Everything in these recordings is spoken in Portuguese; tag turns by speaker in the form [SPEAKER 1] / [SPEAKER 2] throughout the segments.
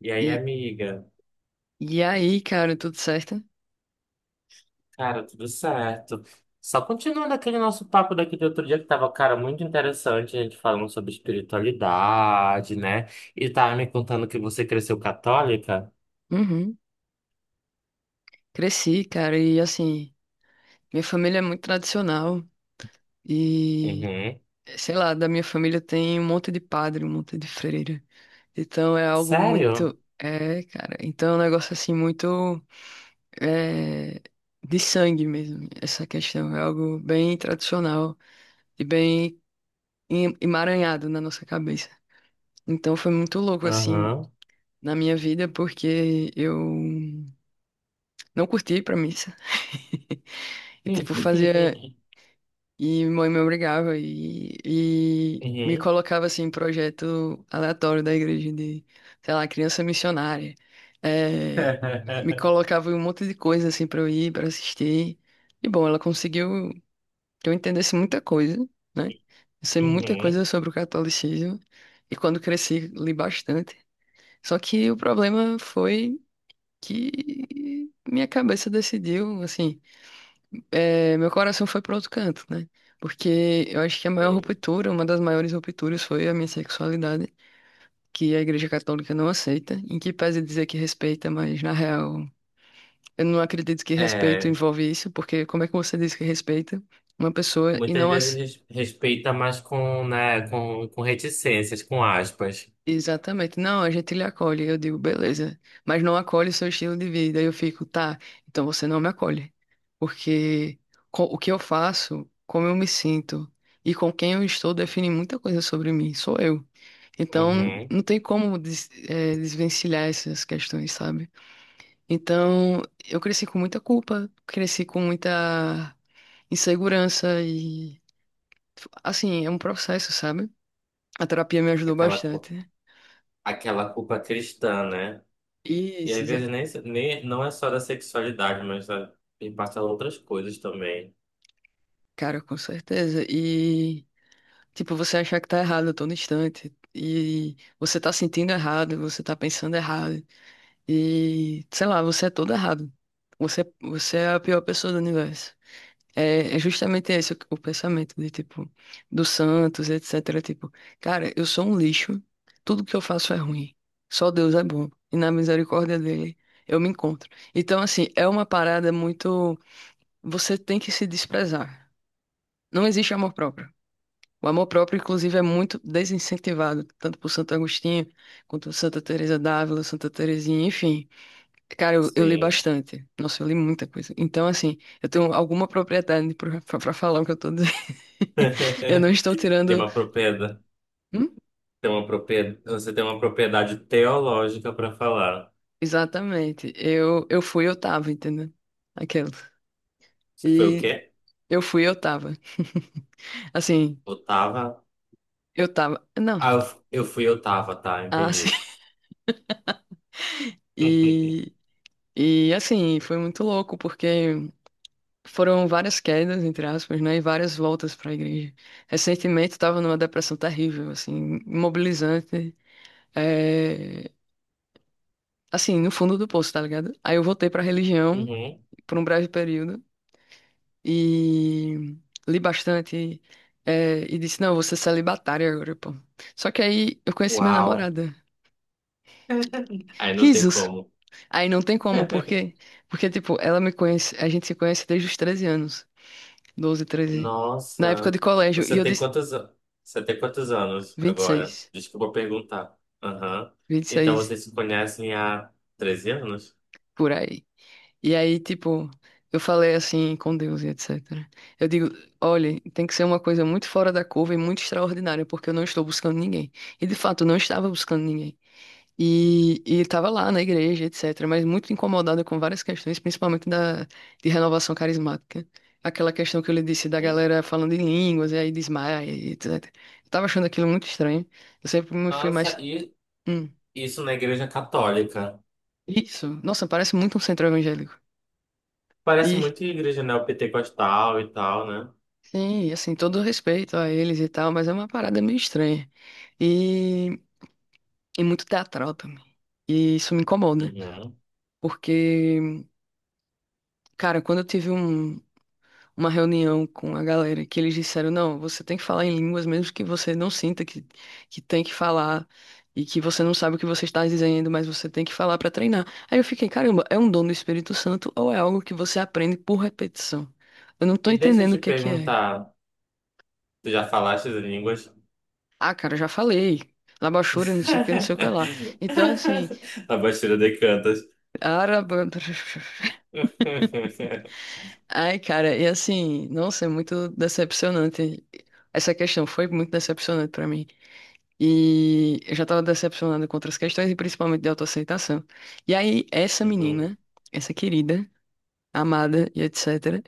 [SPEAKER 1] E aí,
[SPEAKER 2] E,
[SPEAKER 1] amiga?
[SPEAKER 2] e aí, cara, tudo certo?
[SPEAKER 1] Cara, tudo certo. Só continuando aquele nosso papo daquele outro dia que tava, cara, muito interessante, a gente falando sobre espiritualidade, né? E tava me contando que você cresceu católica?
[SPEAKER 2] Uhum. Cresci, cara, e assim, minha família é muito tradicional e,
[SPEAKER 1] Uhum.
[SPEAKER 2] sei lá, da minha família tem um monte de padre, um monte de freira. Então é algo
[SPEAKER 1] Sério?
[SPEAKER 2] muito. É, cara. Então é um negócio assim muito. É, de sangue mesmo. Essa questão é algo bem tradicional e bem emaranhado na nossa cabeça. Então foi muito louco assim
[SPEAKER 1] Aham.
[SPEAKER 2] na minha vida, porque eu não curti ir pra missa. E, tipo, fazia. E mãe me obrigava e me
[SPEAKER 1] Uhum.
[SPEAKER 2] colocava, assim, em projeto aleatório da igreja de, sei lá, criança missionária. É, me colocava em um monte de coisa, assim, pra eu ir, pra assistir. E, bom, ela conseguiu que eu entendesse muita coisa, né? Eu sei muita coisa
[SPEAKER 1] Uhum.
[SPEAKER 2] sobre o catolicismo. E quando cresci, li bastante. Só que o problema foi que minha cabeça decidiu, meu coração foi para outro canto, né? Porque eu acho que a maior
[SPEAKER 1] Uhum.
[SPEAKER 2] ruptura, uma das maiores rupturas foi a minha sexualidade, que a Igreja Católica não aceita, em que pese dizer que respeita, mas na real, eu não acredito que respeito
[SPEAKER 1] É,
[SPEAKER 2] envolve isso, porque como é que você diz que respeita uma pessoa e
[SPEAKER 1] muitas
[SPEAKER 2] não,
[SPEAKER 1] vezes
[SPEAKER 2] ace-
[SPEAKER 1] respeita, mas com, né, com reticências, com aspas.
[SPEAKER 2] Exatamente. Não, a gente lhe acolhe. Eu digo, beleza. Mas não acolhe o seu estilo de vida. Aí eu fico, tá, então você não me acolhe. Porque o que eu faço, como eu me sinto e com quem eu estou define muita coisa sobre mim. Sou eu. Então,
[SPEAKER 1] Uhum.
[SPEAKER 2] não tem como desvencilhar essas questões, sabe? Então, eu cresci com muita culpa, cresci com muita insegurança e, assim, é um processo, sabe? A terapia me ajudou
[SPEAKER 1] Aquela, cu-
[SPEAKER 2] bastante.
[SPEAKER 1] Aquela culpa cristã, né? E às
[SPEAKER 2] Isso.
[SPEAKER 1] vezes nem, nem não é só da sexualidade, mas da, e passa outras coisas também.
[SPEAKER 2] Cara, com certeza. E, tipo, você achar que tá errado a todo instante. E você tá sentindo errado, você tá pensando errado. E, sei lá, você é todo errado. Você é a pior pessoa do universo. É justamente esse o pensamento de, tipo, do Santos, etc. Tipo, cara, eu sou um lixo. Tudo que eu faço é ruim. Só Deus é bom. E na misericórdia dele, eu me encontro. Então, assim, é uma parada muito. Você tem que se desprezar. Não existe amor próprio. O amor próprio, inclusive, é muito desincentivado, tanto por Santo Agostinho, quanto por Santa Teresa d'Ávila, Santa Teresinha, enfim. Cara, eu li
[SPEAKER 1] Sim.
[SPEAKER 2] bastante. Nossa, eu li muita coisa. Então, assim, eu tenho alguma propriedade para falar o que eu tô dizendo. Eu não estou
[SPEAKER 1] Tem
[SPEAKER 2] tirando.
[SPEAKER 1] uma propriedade,
[SPEAKER 2] Hum?
[SPEAKER 1] tem uma propriedade, você tem uma propriedade teológica para falar.
[SPEAKER 2] Exatamente. Eu fui, eu tava, entendeu? Aquela.
[SPEAKER 1] Você foi o
[SPEAKER 2] E
[SPEAKER 1] quê?
[SPEAKER 2] eu fui, eu tava. Assim,
[SPEAKER 1] Otava?
[SPEAKER 2] eu tava. Não.
[SPEAKER 1] Ah, eu fui Otava, tá,
[SPEAKER 2] Ah, sim.
[SPEAKER 1] entendi.
[SPEAKER 2] E, e assim, foi muito louco, porque. Foram várias quedas, entre aspas, né, e várias voltas para a igreja. Recentemente estava numa depressão terrível, assim, imobilizante, é, assim, no fundo do poço, tá ligado? Aí eu voltei para a religião
[SPEAKER 1] Uhum.
[SPEAKER 2] por um breve período e li bastante e disse, não, eu vou ser celibatária agora, pô. Só que aí eu conheci minha
[SPEAKER 1] Uau.
[SPEAKER 2] namorada.
[SPEAKER 1] Aí não tem
[SPEAKER 2] Risos!
[SPEAKER 1] como.
[SPEAKER 2] Aí não tem como, porque. Porque, tipo, ela me conhece, a gente se conhece desde os 13 anos, 12, 13, na época de
[SPEAKER 1] Nossa,
[SPEAKER 2] colégio, e
[SPEAKER 1] você
[SPEAKER 2] eu
[SPEAKER 1] tem
[SPEAKER 2] disse
[SPEAKER 1] quantos, a- você tem quantos anos
[SPEAKER 2] vinte e
[SPEAKER 1] agora?
[SPEAKER 2] seis.
[SPEAKER 1] Desculpa perguntar. Aham. Então
[SPEAKER 2] 26
[SPEAKER 1] vocês se conhecem há 13 anos?
[SPEAKER 2] por aí. E aí, tipo, eu falei assim com Deus e etc. Eu digo, olha, tem que ser uma coisa muito fora da curva e muito extraordinária, porque eu não estou buscando ninguém. E de fato, eu não estava buscando ninguém. E estava lá na igreja, etc., mas muito incomodada com várias questões, principalmente de renovação carismática. Aquela questão que eu lhe disse da
[SPEAKER 1] Sim.
[SPEAKER 2] galera falando em línguas, e aí desmaia, e etc. Eu tava achando aquilo muito estranho. Eu sempre me fui
[SPEAKER 1] Nossa,
[SPEAKER 2] mais.
[SPEAKER 1] e
[SPEAKER 2] Hum,
[SPEAKER 1] isso na igreja católica.
[SPEAKER 2] isso. Nossa, parece muito um centro evangélico.
[SPEAKER 1] Parece
[SPEAKER 2] E
[SPEAKER 1] muito igreja neopentecostal e tal, né?
[SPEAKER 2] Sim, e assim, todo respeito a eles e tal, mas é uma parada meio estranha. E, e muito teatral também. E isso me incomoda.
[SPEAKER 1] Uhum.
[SPEAKER 2] Porque, cara, quando eu tive um, uma reunião com a galera que eles disseram, não, você tem que falar em línguas mesmo que você não sinta que tem que falar e que você não sabe o que você está dizendo, mas você tem que falar para treinar. Aí eu fiquei, caramba, é um dom do Espírito Santo ou é algo que você aprende por repetição? Eu não tô
[SPEAKER 1] E deixa eu
[SPEAKER 2] entendendo o
[SPEAKER 1] te
[SPEAKER 2] que que é.
[SPEAKER 1] perguntar, tu já falaste as línguas?
[SPEAKER 2] Ah, cara, já falei. Labachura, não sei o que, não sei o que lá. Então, assim,
[SPEAKER 1] A Bastilha de Cantas.
[SPEAKER 2] araba... Ai, cara, e assim, nossa, é muito decepcionante. Essa questão foi muito decepcionante pra mim. E eu já tava decepcionado com outras questões, e principalmente de autoaceitação. E aí, essa
[SPEAKER 1] Uhum.
[SPEAKER 2] menina, essa querida, amada e etc.,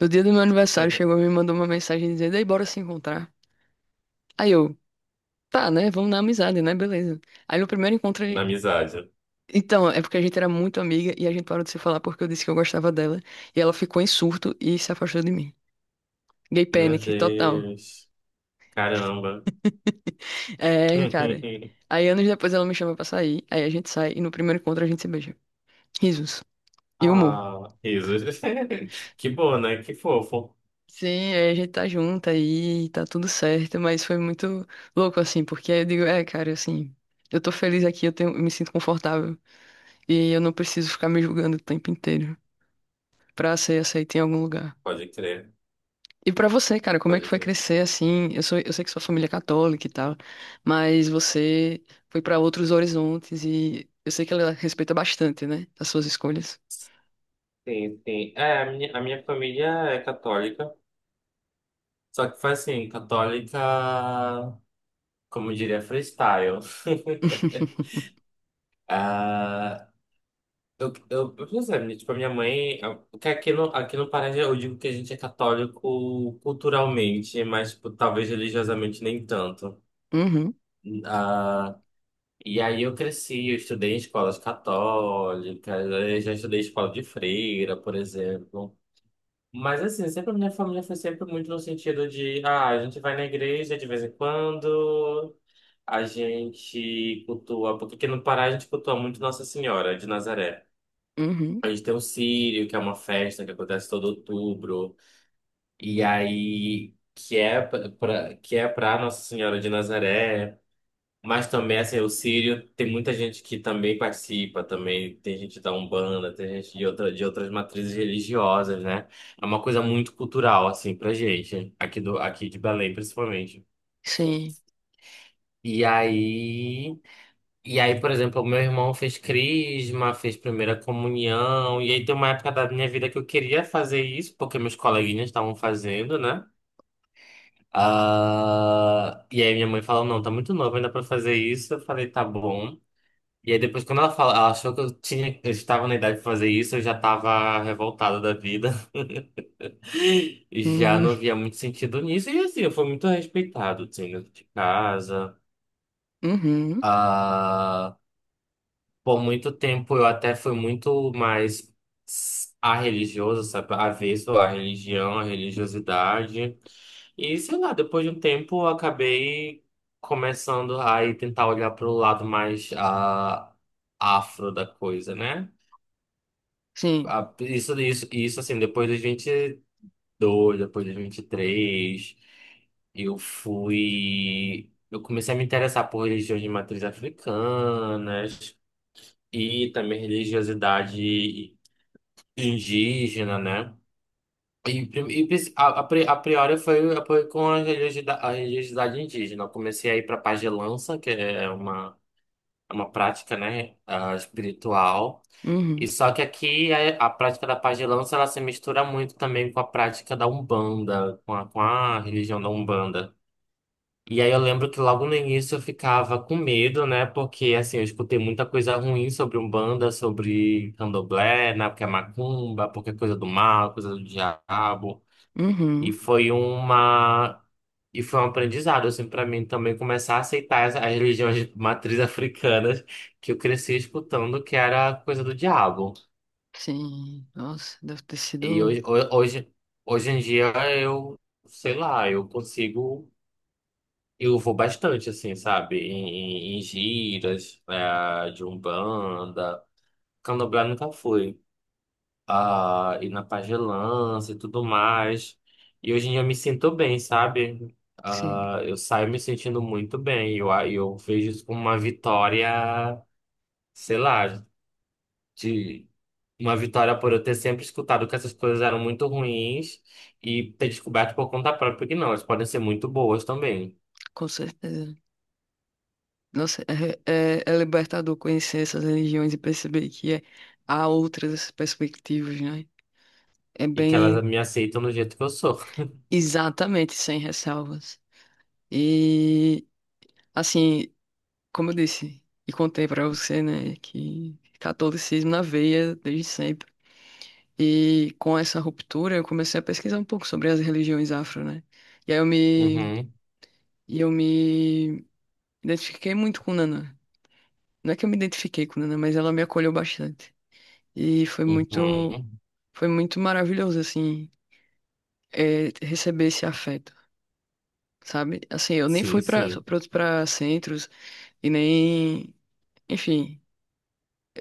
[SPEAKER 2] no dia do meu aniversário, chegou e me mandou uma mensagem dizendo: Ei, bora se encontrar. Aí eu, tá, né? Vamos na amizade, né? Beleza. Aí no primeiro encontro.
[SPEAKER 1] Na amizade.
[SPEAKER 2] Então, é porque a gente era muito amiga e a gente parou de se falar porque eu disse que eu gostava dela. E ela ficou em surto e se afastou de mim. Gay
[SPEAKER 1] Meu
[SPEAKER 2] panic, total.
[SPEAKER 1] Deus. Caramba.
[SPEAKER 2] É, cara. Aí anos depois ela me chama pra sair, aí a gente sai e no primeiro encontro a gente se beija. Risos. E humor.
[SPEAKER 1] Ah, risos. Que bom, né? Que fofo.
[SPEAKER 2] Sim, aí a gente tá junto aí, tá tudo certo, mas foi muito louco assim, porque aí eu digo, é, cara, assim, eu tô feliz aqui, eu tenho, eu me sinto confortável e eu não preciso ficar me julgando o tempo inteiro pra ser aceito em algum lugar.
[SPEAKER 1] Pode crer,
[SPEAKER 2] E pra você, cara, como é que
[SPEAKER 1] pode
[SPEAKER 2] foi
[SPEAKER 1] crer.
[SPEAKER 2] crescer assim? Eu sou, eu sei que sua família é católica e tal, mas você foi pra outros horizontes e eu sei que ela respeita bastante, né, as suas escolhas.
[SPEAKER 1] Sim, sim. É, a minha família é católica, só que foi assim, católica, como diria, freestyle. Ah, eu, por exemplo, tipo, a minha mãe, que aqui no Pará eu digo que a gente é católico culturalmente, mas tipo, talvez religiosamente nem tanto.
[SPEAKER 2] Uhum,
[SPEAKER 1] Ah, e aí eu cresci, eu estudei em escolas católicas, eu já estudei em escola de freira, por exemplo. Mas assim, sempre a minha família foi sempre muito no sentido de, ah, a gente vai na igreja de vez em quando, a gente cultua, porque aqui no Pará a gente cultua muito Nossa Senhora de Nazaré.
[SPEAKER 2] uhum,
[SPEAKER 1] A gente tem o Círio, que é uma festa que acontece todo outubro, e aí que é que é pra Nossa Senhora de Nazaré. Mas também, assim, o Sírio tem muita gente que também participa, também tem gente da Umbanda, tem gente de, outra, de outras matrizes religiosas, né? É uma coisa muito cultural, assim, pra gente, aqui, do, aqui de Belém, principalmente.
[SPEAKER 2] sim,
[SPEAKER 1] E aí, e aí, por exemplo, o meu irmão fez crisma, fez primeira comunhão, e aí tem uma época da minha vida que eu queria fazer isso, porque meus coleguinhas estavam fazendo, né? Ah, e aí minha mãe falou, não, tá muito novo ainda pra fazer isso. Eu falei, tá bom. E aí depois quando ela fala, ela achou que eu tinha, eu estava na idade de fazer isso, eu já estava revoltado da vida. E já
[SPEAKER 2] uhum,
[SPEAKER 1] não via muito sentido nisso. E assim, eu fui muito respeitado, assim, dentro de casa.
[SPEAKER 2] uhum,
[SPEAKER 1] Ah, por muito tempo eu até fui muito mais a religioso, sabe? Avesso à religião, à religiosidade. E sei lá, depois de um tempo eu acabei começando a ir tentar olhar para o lado mais ah, afro da coisa, né?
[SPEAKER 2] sim,
[SPEAKER 1] Isso, assim, depois dos vinte e dois depois dos 23 eu fui. Eu comecei a me interessar por religiões de matriz africanas e também religiosidade indígena, né? E, a priori foi, foi com a religiosidade indígena. Eu comecei a ir para pagelança, que é uma prática, né, ah, espiritual. E
[SPEAKER 2] uhum,
[SPEAKER 1] só que aqui a prática da pagelança ela se mistura muito também com a prática da Umbanda, com com a religião da Umbanda. E aí eu lembro que logo no início eu ficava com medo, né? Porque assim, eu escutei muita coisa ruim sobre Umbanda, sobre Candomblé, né? Porque é macumba, porque é coisa do mal, coisa do diabo. E
[SPEAKER 2] uhum,
[SPEAKER 1] foi uma e foi um aprendizado assim para mim também começar a aceitar as religiões de matriz africanas que eu cresci escutando que era coisa do diabo.
[SPEAKER 2] sim. Nossa, deve ter
[SPEAKER 1] E
[SPEAKER 2] sido,
[SPEAKER 1] hoje, hoje em dia eu, sei lá, eu consigo, eu vou bastante, assim, sabe? Em giras, né, de Umbanda. Candomblé nunca fui. Ah, e na pagelança e tudo mais. E hoje em dia eu me sinto bem, sabe?
[SPEAKER 2] sim,
[SPEAKER 1] Ah, eu saio me sentindo muito bem. Eu vejo isso como uma vitória, sei lá, de uma vitória por eu ter sempre escutado que essas coisas eram muito ruins e ter descoberto por conta própria que não, elas podem ser muito boas também.
[SPEAKER 2] com certeza. Nossa, é, é, é libertador conhecer essas religiões e perceber que é, há outras perspectivas, né? É
[SPEAKER 1] E que elas
[SPEAKER 2] bem.
[SPEAKER 1] me aceitam do jeito que eu sou.
[SPEAKER 2] Exatamente, sem ressalvas. E, assim, como eu disse e contei pra você, né, que catolicismo na veia desde sempre. E com essa ruptura, eu comecei a pesquisar um pouco sobre as religiões afro, né? E aí eu me,
[SPEAKER 1] Uhum,
[SPEAKER 2] e eu me identifiquei muito com Nana. Não é que eu me identifiquei com Nana, mas ela me acolheu bastante. E foi muito,
[SPEAKER 1] uhum.
[SPEAKER 2] foi muito maravilhoso, assim, receber esse afeto. Sabe? Assim, eu nem
[SPEAKER 1] Sim,
[SPEAKER 2] fui
[SPEAKER 1] sim.
[SPEAKER 2] para centros. E nem. Enfim,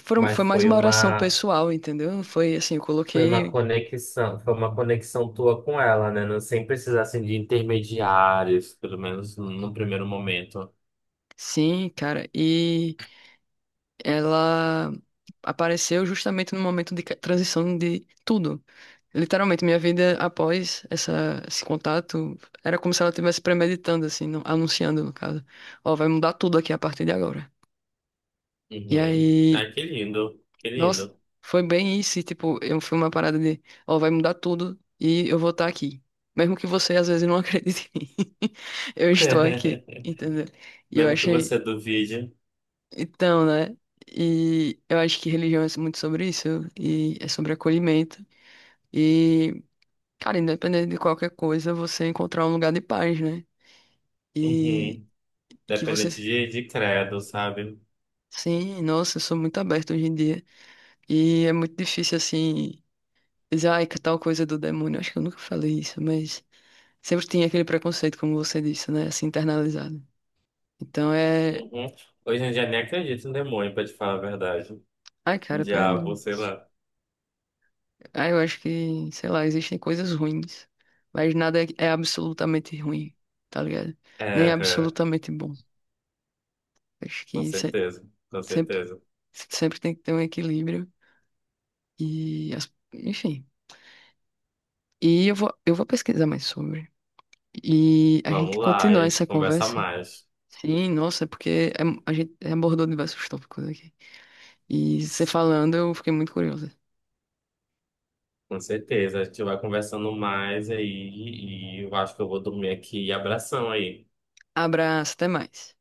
[SPEAKER 1] Mas
[SPEAKER 2] foi mais
[SPEAKER 1] foi
[SPEAKER 2] uma oração
[SPEAKER 1] uma,
[SPEAKER 2] pessoal, entendeu? Foi assim, eu coloquei.
[SPEAKER 1] foi uma conexão tua com ela, né? Não, sem precisar assim, de intermediários, pelo menos no primeiro momento.
[SPEAKER 2] Sim, cara. E ela apareceu justamente no momento de transição de tudo. Literalmente, minha vida após esse contato era como se ela estivesse premeditando, assim, anunciando, no caso. Ó, vai mudar tudo aqui a partir de agora. E
[SPEAKER 1] Uhum.
[SPEAKER 2] aí.
[SPEAKER 1] Ah, que lindo, que
[SPEAKER 2] Nossa,
[SPEAKER 1] lindo.
[SPEAKER 2] foi bem isso. E, tipo, eu fui uma parada de, ó, vai mudar tudo e eu vou estar aqui. Mesmo que você às vezes não acredite em mim, eu estou aqui, entendeu? E eu
[SPEAKER 1] Mesmo que
[SPEAKER 2] achei.
[SPEAKER 1] você duvide.
[SPEAKER 2] Então, né? E eu acho que religião é muito sobre isso, e é sobre acolhimento. E, cara, independente de qualquer coisa, você encontrar um lugar de paz, né? E
[SPEAKER 1] Uhum.
[SPEAKER 2] que você.
[SPEAKER 1] Dependente de credo, sabe?
[SPEAKER 2] Sim, nossa, eu sou muito aberto hoje em dia. E é muito difícil, assim, dizer, ai, que tal coisa do demônio. Acho que eu nunca falei isso, mas sempre tinha aquele preconceito, como você disse, né? Assim, internalizado. Então é.
[SPEAKER 1] Uhum. Hoje em dia nem acredito em demônio, pra te falar a verdade.
[SPEAKER 2] Ai,
[SPEAKER 1] Em
[SPEAKER 2] cara, pelo amor
[SPEAKER 1] Diabo,
[SPEAKER 2] de
[SPEAKER 1] sei
[SPEAKER 2] Deus.
[SPEAKER 1] lá.
[SPEAKER 2] Ai, eu acho que, sei lá, existem coisas ruins, mas nada é, é absolutamente ruim, tá ligado?
[SPEAKER 1] É,
[SPEAKER 2] Nem é
[SPEAKER 1] é,
[SPEAKER 2] absolutamente bom. Acho
[SPEAKER 1] com
[SPEAKER 2] que se-
[SPEAKER 1] certeza, com
[SPEAKER 2] sempre,
[SPEAKER 1] certeza.
[SPEAKER 2] sempre tem que ter um equilíbrio Enfim. Eu vou pesquisar mais sobre. E a gente
[SPEAKER 1] Vamos lá, a
[SPEAKER 2] continua
[SPEAKER 1] gente
[SPEAKER 2] essa
[SPEAKER 1] conversa
[SPEAKER 2] conversa.
[SPEAKER 1] mais.
[SPEAKER 2] Sim, nossa, é porque é- a gente é abordou diversos tópicos aqui. E você falando, eu fiquei muito curiosa.
[SPEAKER 1] Com certeza, a gente vai conversando mais aí e eu acho que eu vou dormir aqui. Abração aí.
[SPEAKER 2] Abraço, até mais.